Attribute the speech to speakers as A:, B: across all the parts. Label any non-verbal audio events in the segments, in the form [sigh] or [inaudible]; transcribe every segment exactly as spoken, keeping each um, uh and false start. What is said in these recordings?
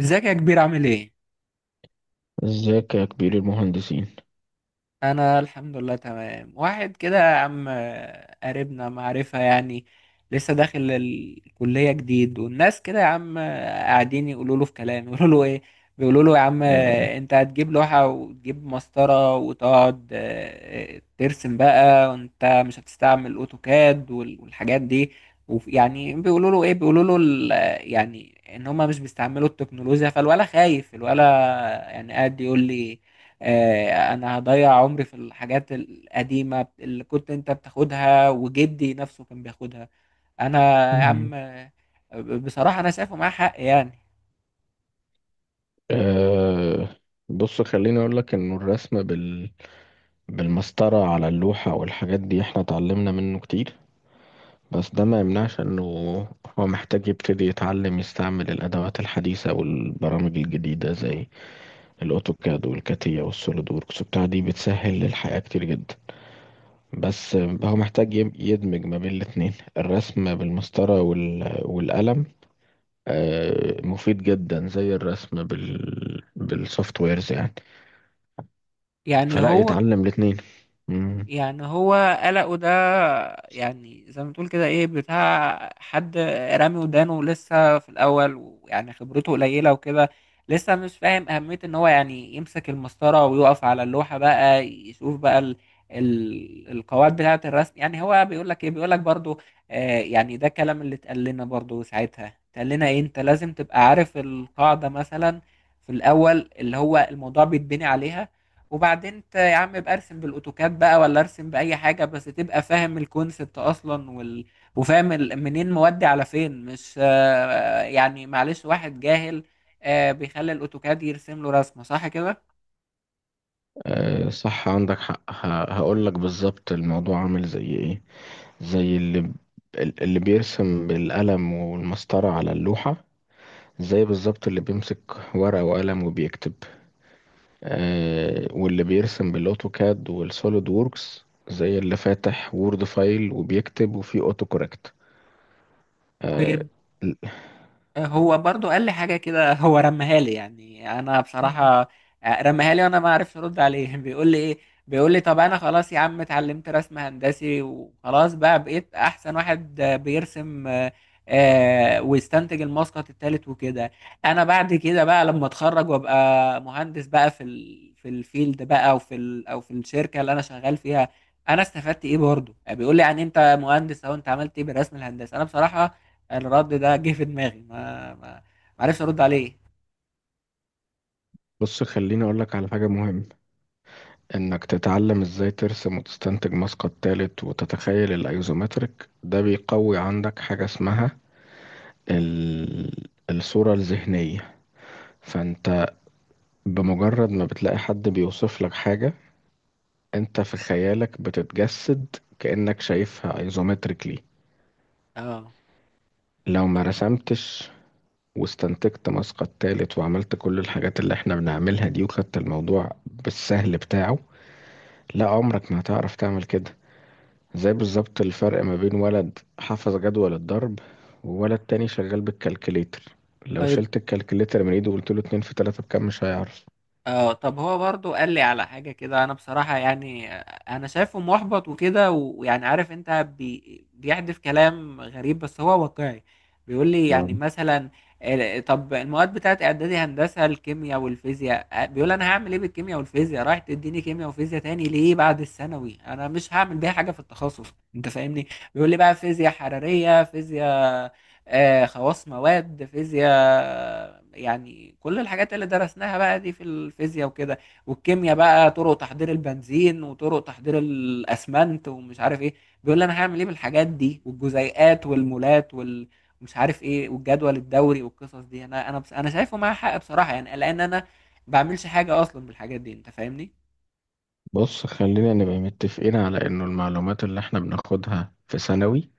A: ازيك يا كبير؟ عامل ايه؟
B: ازيك يا كبير المهندسين؟
A: انا الحمد لله تمام. واحد كده يا عم، آه، قريبنا، معرفة يعني. لسه داخل الكلية جديد، والناس كده يا عم، آه، قاعدين يقولوا له في كلام. يقولوا له ايه؟ بيقولوا له يا عم،
B: آه.
A: آه، انت هتجيب لوحة وتجيب مسطرة وتقعد آه، آه، ترسم بقى، وانت مش هتستعمل اوتوكاد وال- والحاجات دي. وف- يعني بيقولوا له ايه؟ بيقولوا له ال- آه، يعني ان هما مش بيستعملوا التكنولوجيا، فالولا خايف. الولا يعني قاعد يقول لي آه، انا هضيع عمري في الحاجات القديمة اللي كنت انت بتاخدها، وجدي نفسه كان بياخدها. انا يا
B: مم.
A: عم، آه، بصراحة انا شايفه معاه حق يعني.
B: آه. بص، خليني اقول لك انه الرسم بال... بالمسطرة على اللوحة والحاجات دي احنا اتعلمنا منه كتير، بس ده ما يمنعش انه هو محتاج يبتدي يتعلم يستعمل الادوات الحديثة والبرامج الجديدة زي الاوتوكاد والكاتيا والسوليد ووركس، بتاع دي بتسهل الحياة كتير جدا. بس آه، هو محتاج يم- يدمج ما بين الاتنين، الرسم بالمسطرة وال... والقلم آه، مفيد جدا زي الرسم بال بالسوفت ويرز يعني،
A: يعني
B: فلا
A: هو
B: يتعلم الاتنين. مم.
A: يعني هو قلقه ده، يعني زي ما تقول كده ايه بتاع حد رامي ودانه، لسه في الاول ويعني خبرته قليله وكده. لسه مش فاهم اهميه ان هو يعني يمسك المسطره ويقف على اللوحه بقى، يشوف بقى ال ال القواعد بتاعه الرسم. يعني هو بيقول لك ايه؟ بيقول لك برضو آه، يعني ده الكلام اللي اتقال لنا برضو ساعتها. اتقال لنا ايه؟ انت لازم تبقى عارف القاعده مثلا في الاول، اللي هو الموضوع بيتبني عليها. وبعدين انت يا عم ابقى ارسم بالاوتوكاد بقى، ولا ارسم باي حاجه، بس تبقى فاهم الكونسبت اصلا. وال... وفاهم ال... منين مودي على فين. مش آه، يعني معلش، واحد جاهل آه، بيخلي الاوتوكاد يرسم له رسمه صح كده.
B: آه، صح، عندك حق. ه- هقول لك بالظبط الموضوع عامل زي ايه. زي اللي ب- اللي بيرسم بالقلم والمسطرة على اللوحة، زي بالظبط اللي بيمسك ورقة وقلم وبيكتب، آه، واللي بيرسم بالاوتوكاد والسوليد ووركس زي اللي فاتح وورد فايل وبيكتب وفيه اوتو كوركت. آه،
A: طيب، هو برضو قال لي حاجة كده، هو رمها لي. يعني أنا بصراحة رمها لي وأنا ما عرفش أرد عليه. [laughs] بيقول لي إيه؟ بيقول لي طب أنا خلاص يا عم اتعلمت رسم هندسي وخلاص، بقى بقيت أحسن واحد بيرسم آه، آه، ويستنتج المسقط التالت وكده. أنا بعد كده بقى لما أتخرج وأبقى مهندس بقى في ال... في الفيلد بقى، أو في ال... أو في الشركة اللي أنا شغال فيها، أنا استفدت إيه برضو؟ يعني بيقول لي يعني أنت مهندس أهو، أنت عملت إيه بالرسم الهندسي؟ أنا بصراحة الرد ده جه في دماغي، ما ما ما عرفش ارد عليه.
B: بص، خليني أقولك على حاجة مهمة. إنك تتعلم إزاي ترسم وتستنتج مسقط تالت وتتخيل الأيزومتريك، ده بيقوي عندك حاجة اسمها ال... الصورة الذهنية. فأنت بمجرد ما بتلاقي حد بيوصف لك حاجة، أنت في خيالك بتتجسد كأنك شايفها أيزومتريكلي.
A: اه.
B: لو ما رسمتش واستنتجت مسقط تالت وعملت كل الحاجات اللي احنا بنعملها دي، وخدت الموضوع بالسهل بتاعه، لا عمرك ما هتعرف تعمل كده. زي بالظبط الفرق ما بين ولد حفظ جدول الضرب، وولد تاني شغال بالكالكليتر. لو
A: طيب،
B: شلت الكالكليتر من ايده وقلت له اتنين في تلاتة بكام، مش هيعرف.
A: اه طب هو برضو قال لي على حاجة كده. انا بصراحة يعني انا شايفه محبط وكده، و- ويعني عارف انت، بي بيحدف كلام غريب بس هو واقعي. بيقول لي
B: آه.
A: يعني مثلا ال- طب المواد بتاعت اعدادي هندسة، الكيمياء والفيزياء، آه، بيقول انا هعمل ايه بالكيمياء والفيزياء؟ رايح تديني كيمياء وفيزياء تاني ليه بعد الثانوي؟ انا مش هعمل بيها حاجة في التخصص، انت فاهمني. بيقول لي بقى فيزياء حرارية، فيزياء آه، خواص مواد، فيزياء يعني كل الحاجات اللي درسناها بقى دي في الفيزياء وكده. والكيمياء بقى طرق تحضير البنزين، وطرق تحضير الاسمنت، ومش عارف ايه. بيقول لي انا هعمل ايه بالحاجات دي، والجزيئات والمولات وال، مش عارف ايه، والجدول الدوري والقصص دي. انا انا بس انا شايفه معاه حق بصراحة يعني، لان انا بعملش حاجة اصلا بالحاجات دي، انت فاهمني.
B: بص، خلينا نبقى متفقين على انه المعلومات اللي احنا بناخدها في ثانوي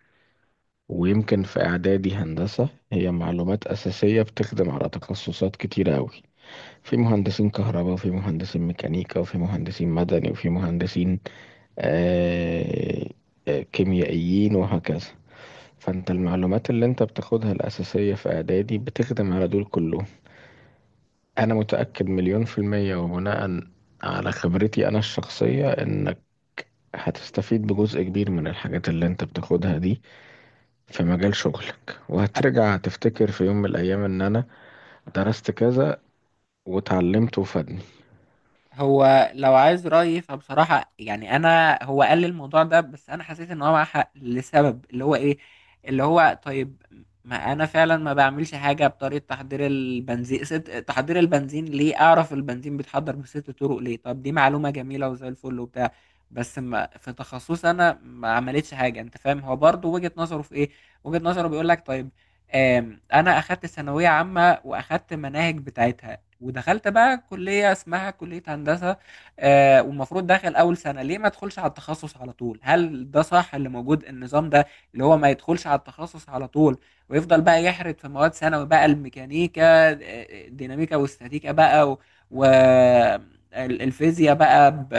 B: ويمكن في اعدادي هندسة، هي معلومات اساسية بتخدم على تخصصات كتيرة اوي. في مهندسين كهرباء، وفي مهندسين ميكانيكا، وفي مهندسين مدني، وفي مهندسين آه آه، كيميائيين، وهكذا. فانت المعلومات اللي انت بتاخدها الأساسية في إعدادي بتخدم على دول كلهم. أنا متأكد مليون في المية، وبناء على خبرتي أنا الشخصية، إنك هتستفيد بجزء كبير من الحاجات اللي انت بتاخدها دي في مجال شغلك، وهترجع تفتكر في يوم من الأيام إن أنا درست كذا وتعلمته وفادني.
A: هو لو عايز رأيي فبصراحة يعني أنا، هو قال لي الموضوع ده بس أنا حسيت إن هو معاه حق لسبب اللي هو إيه؟ اللي هو طيب، ما أنا فعلا ما بعملش حاجة بطريقة تحضير البنزين. ست تحضير البنزين ليه أعرف البنزين بيتحضر بست طرق ليه؟ طب دي معلومة جميلة وزي الفل وبتاع، بس ما في تخصصي أنا ما عملتش حاجة. أنت فاهم هو برضه وجهة نظره في إيه؟ وجهة نظره بيقول لك طيب، آم، أنا أخدت ثانوية عامة وأخدت مناهج بتاعتها، ودخلت بقى كلية اسمها كلية هندسة آه، والمفروض داخل أول سنة. ليه ما ادخلش على التخصص على طول؟ هل ده صح اللي موجود، النظام ده اللي هو ما يدخلش على التخصص على طول، ويفضل بقى يحرد في مواد ثانوي بقى الميكانيكا آه، الديناميكا والاستاتيكا بقى و... و... ال- الفيزياء بقى ب...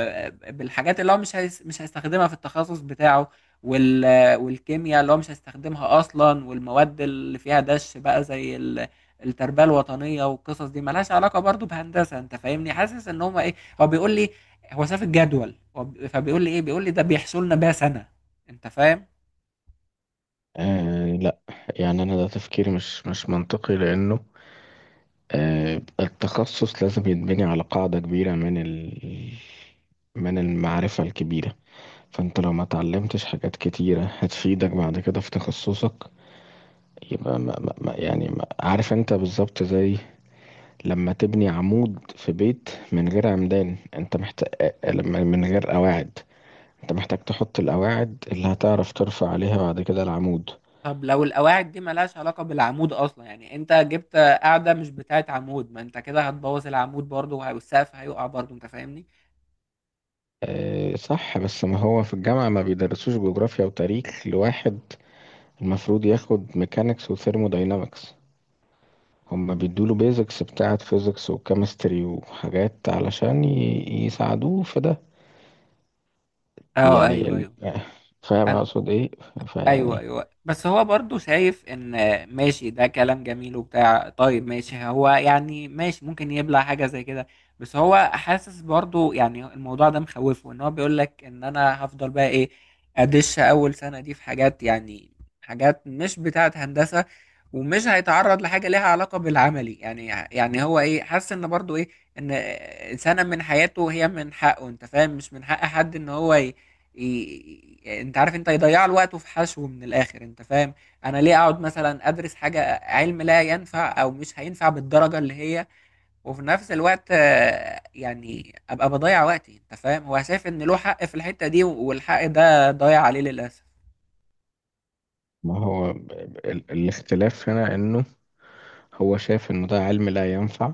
A: بالحاجات اللي هو مش هيس... مش هيستخدمها في التخصص بتاعه، وال... والكيمياء اللي هو مش هيستخدمها أصلا، والمواد اللي فيها دش بقى زي ال... التربيه الوطنيه والقصص دي ملهاش علاقه برضو بهندسه. انت فاهمني، حاسس ان هم ايه. هو بيقول لي، هو شاف الجدول، هو ب- فبيقول لي ايه؟ بيقول لي ده بيحصل لنا بقى سنه، انت فاهم.
B: آه لا، يعني أنا ده تفكير مش مش منطقي، لأنه آه التخصص لازم يتبني على قاعدة كبيرة من ال من المعرفة الكبيرة. فانت لو ما اتعلمتش حاجات كتيرة هتفيدك بعد كده في تخصصك، يبقى ما ما ما يعني، ما عارف انت بالظبط، زي لما تبني عمود في بيت من غير عمدان، انت محتاج لما من غير قواعد، انت محتاج تحط القواعد اللي هتعرف ترفع عليها بعد كده العمود.
A: طب لو القواعد دي ملهاش علاقه بالعمود اصلا، يعني انت جبت قاعده مش بتاعت عمود، ما انت كده هتبوظ العمود برضو، وه- والسقف هيقع برضو، انت فاهمني.
B: اه صح، بس ما هو في الجامعة ما بيدرسوش جغرافيا وتاريخ لواحد المفروض ياخد ميكانيكس وثيرموداينامكس. هما بيدوله بيزكس بتاعة فيزيكس وكيمستري وحاجات علشان ي- يساعدوه في ده.
A: اه
B: يعني
A: ايوه
B: ال...
A: ايوه.
B: فاهم
A: أنا-
B: اقصد ايه؟
A: ايوه
B: فيعني
A: ايوه، بس هو برضو شايف ان ماشي، ده كلام جميل وبتاع. طيب ماشي، هو يعني ماشي، ممكن يبلع حاجه زي كده، بس هو حاسس برضو يعني الموضوع ده مخوفه. ان هو بيقول لك ان انا هفضل بقى ايه، ادش اول سنه دي في حاجات يعني حاجات مش بتاعه هندسه، ومش هيتعرض لحاجه ليها علاقه بالعملي. يعني يعني هو ايه، حاسس ان برضو ايه، ان سنه من حياته هي من حقه، انت فاهم، مش من حق حد ان هو ي- ي- انت عارف، انت يضيع له وقته في حشو من الاخر، انت فاهم. انا ليه اقعد مثلا ادرس حاجه علم لا ينفع، او مش هينفع بالدرجه اللي هي، وفي نفس الوقت آه، يعني ابقى بضيع وقتي؟ انت فاهم هو شايف ان له حق في الحته دي، والحق ده ضايع عليه للاسف.
B: ما هو ب- ب- ال... الاختلاف هنا انه هو شايف انه ده علم لا ينفع.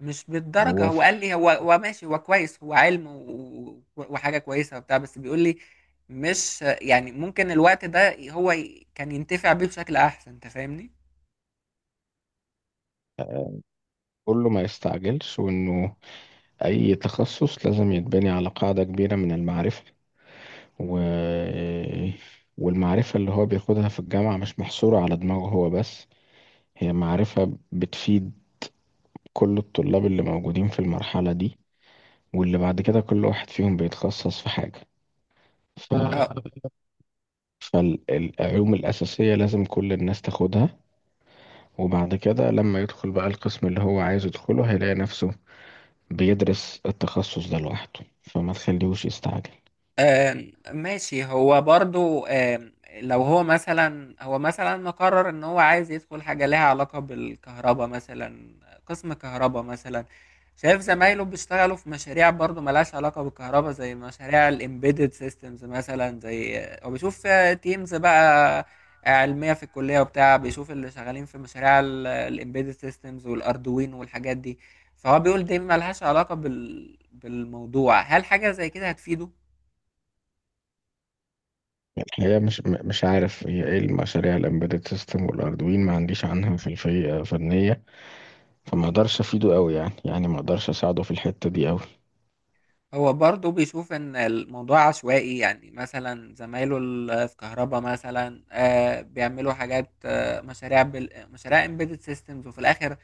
A: مش بالدرجه،
B: وهو
A: هو
B: ف-
A: قال لي هو، هو ماشي هو كويس هو علم و- و- وحاجه كويسه وبتاع، بس بيقول لي مش يعني ممكن الوقت ده هو ي- كان ينتفع بيه بشكل احسن، انت فاهمني.
B: كله ما يستعجلش، وانه اي تخصص لازم يتبني على قاعدة كبيرة من المعرفة، و... والمعرفة اللي هو بياخدها في الجامعة مش محصورة على دماغه هو بس، هي معرفة بتفيد كل الطلاب اللي موجودين في المرحلة دي، واللي بعد كده كل واحد فيهم بيتخصص في حاجة. ف...
A: اه.
B: فالعلوم الأساسية لازم كل الناس تاخدها، وبعد كده لما يدخل بقى القسم اللي هو عايز يدخله، هيلاقي نفسه بيدرس التخصص ده لوحده، فما تخليهوش يستعجل.
A: آم، ماشي، هو برضو آم، لو هو مثلا، هو مثلا مقرر ان هو عايز يدخل حاجة لها علاقة بالكهرباء مثلا، قسم كهرباء مثلا. شايف زمايله بيشتغلوا في مشاريع برضو ملهاش علاقة بالكهرباء، زي مشاريع الامبيدد سيستمز مثلا. زي هو بيشوف تيمز بقى علمية في الكلية وبتاع، بيشوف اللي شغالين في مشاريع الامبيدد سيستمز والاردوين والحاجات دي. فهو بيقول دي ملهاش علاقة بال... بالموضوع. هل حاجة زي كده هتفيده؟
B: الحقيقة مش م- مش عارف هي ايه المشاريع الامبيدد سيستم والاردوين، ما عنديش عنها في الفنية، فما اقدرش افيده قوي يعني، يعني ما اقدرش اساعده في الحتة دي قوي.
A: هو برضه بيشوف ان الموضوع عشوائي. يعني مثلا زمايله ال- في كهربا مثلا آه، بيعملوا حاجات آه، مشاريع بال... مشاريع امبيدد سيستمز. وفي الاخر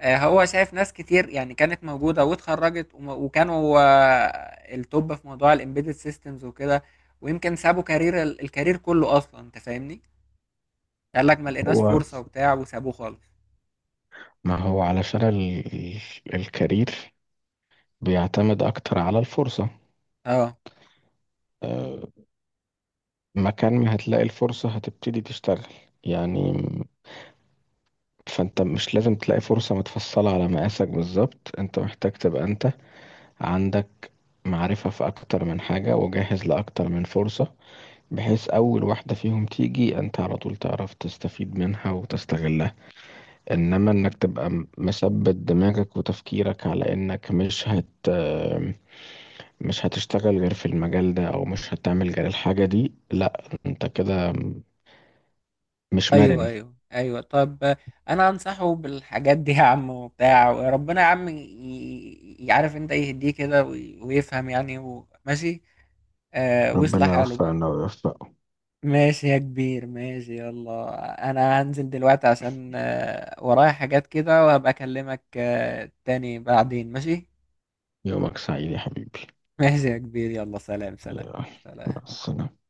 A: آه، هو شايف ناس كتير يعني كانت موجودة واتخرجت، وم- وكانوا آه، التوب في موضوع الامبيدد سيستمز وكده، ويمكن سابوا كارير ال- الكارير كله اصلا، انت فاهمني. قال لك ما لقيناش
B: هو
A: فرصة وبتاع وسابوه خالص.
B: ما هو علشان ال... ال- الكارير بيعتمد أكتر على الفرصة.
A: اه
B: آه، مكان ما هتلاقي الفرصة هتبتدي تشتغل يعني. فأنت مش لازم تلاقي فرصة متفصلة على مقاسك بالظبط، أنت محتاج تبقى أنت عندك معرفة في أكتر من حاجة وجاهز لأكتر من فرصة، بحيث أول واحدة فيهم تيجي، أنت على طول تعرف تستفيد منها وتستغلها. إنما إنك تبقى م- مثبت دماغك وتفكيرك على إنك مش هت مش هتشتغل غير في المجال ده، او مش هتعمل غير الحاجة دي، لا انت كده مش
A: ايوه
B: مرن.
A: ايوه ايوه. طب انا انصحه بالحاجات دي يا عم وبتاع، وربنا يا عم ي- ي- يعرف انت يهديه كده، وي- ويفهم يعني و- ماشي، آه، ويصلح
B: ربنا
A: حاله بقى.
B: يوفقنا ويوفقه.
A: ماشي يا كبير، ماشي، يلا انا هنزل دلوقتي عشان آه ورايا حاجات كده، وهبقى اكلمك آه تاني بعدين، ماشي.
B: يومك سعيد يا حبيبي.
A: ماشي يا كبير، يلا، سلام سلام.
B: يلا، مع
A: سلام.
B: السلامة.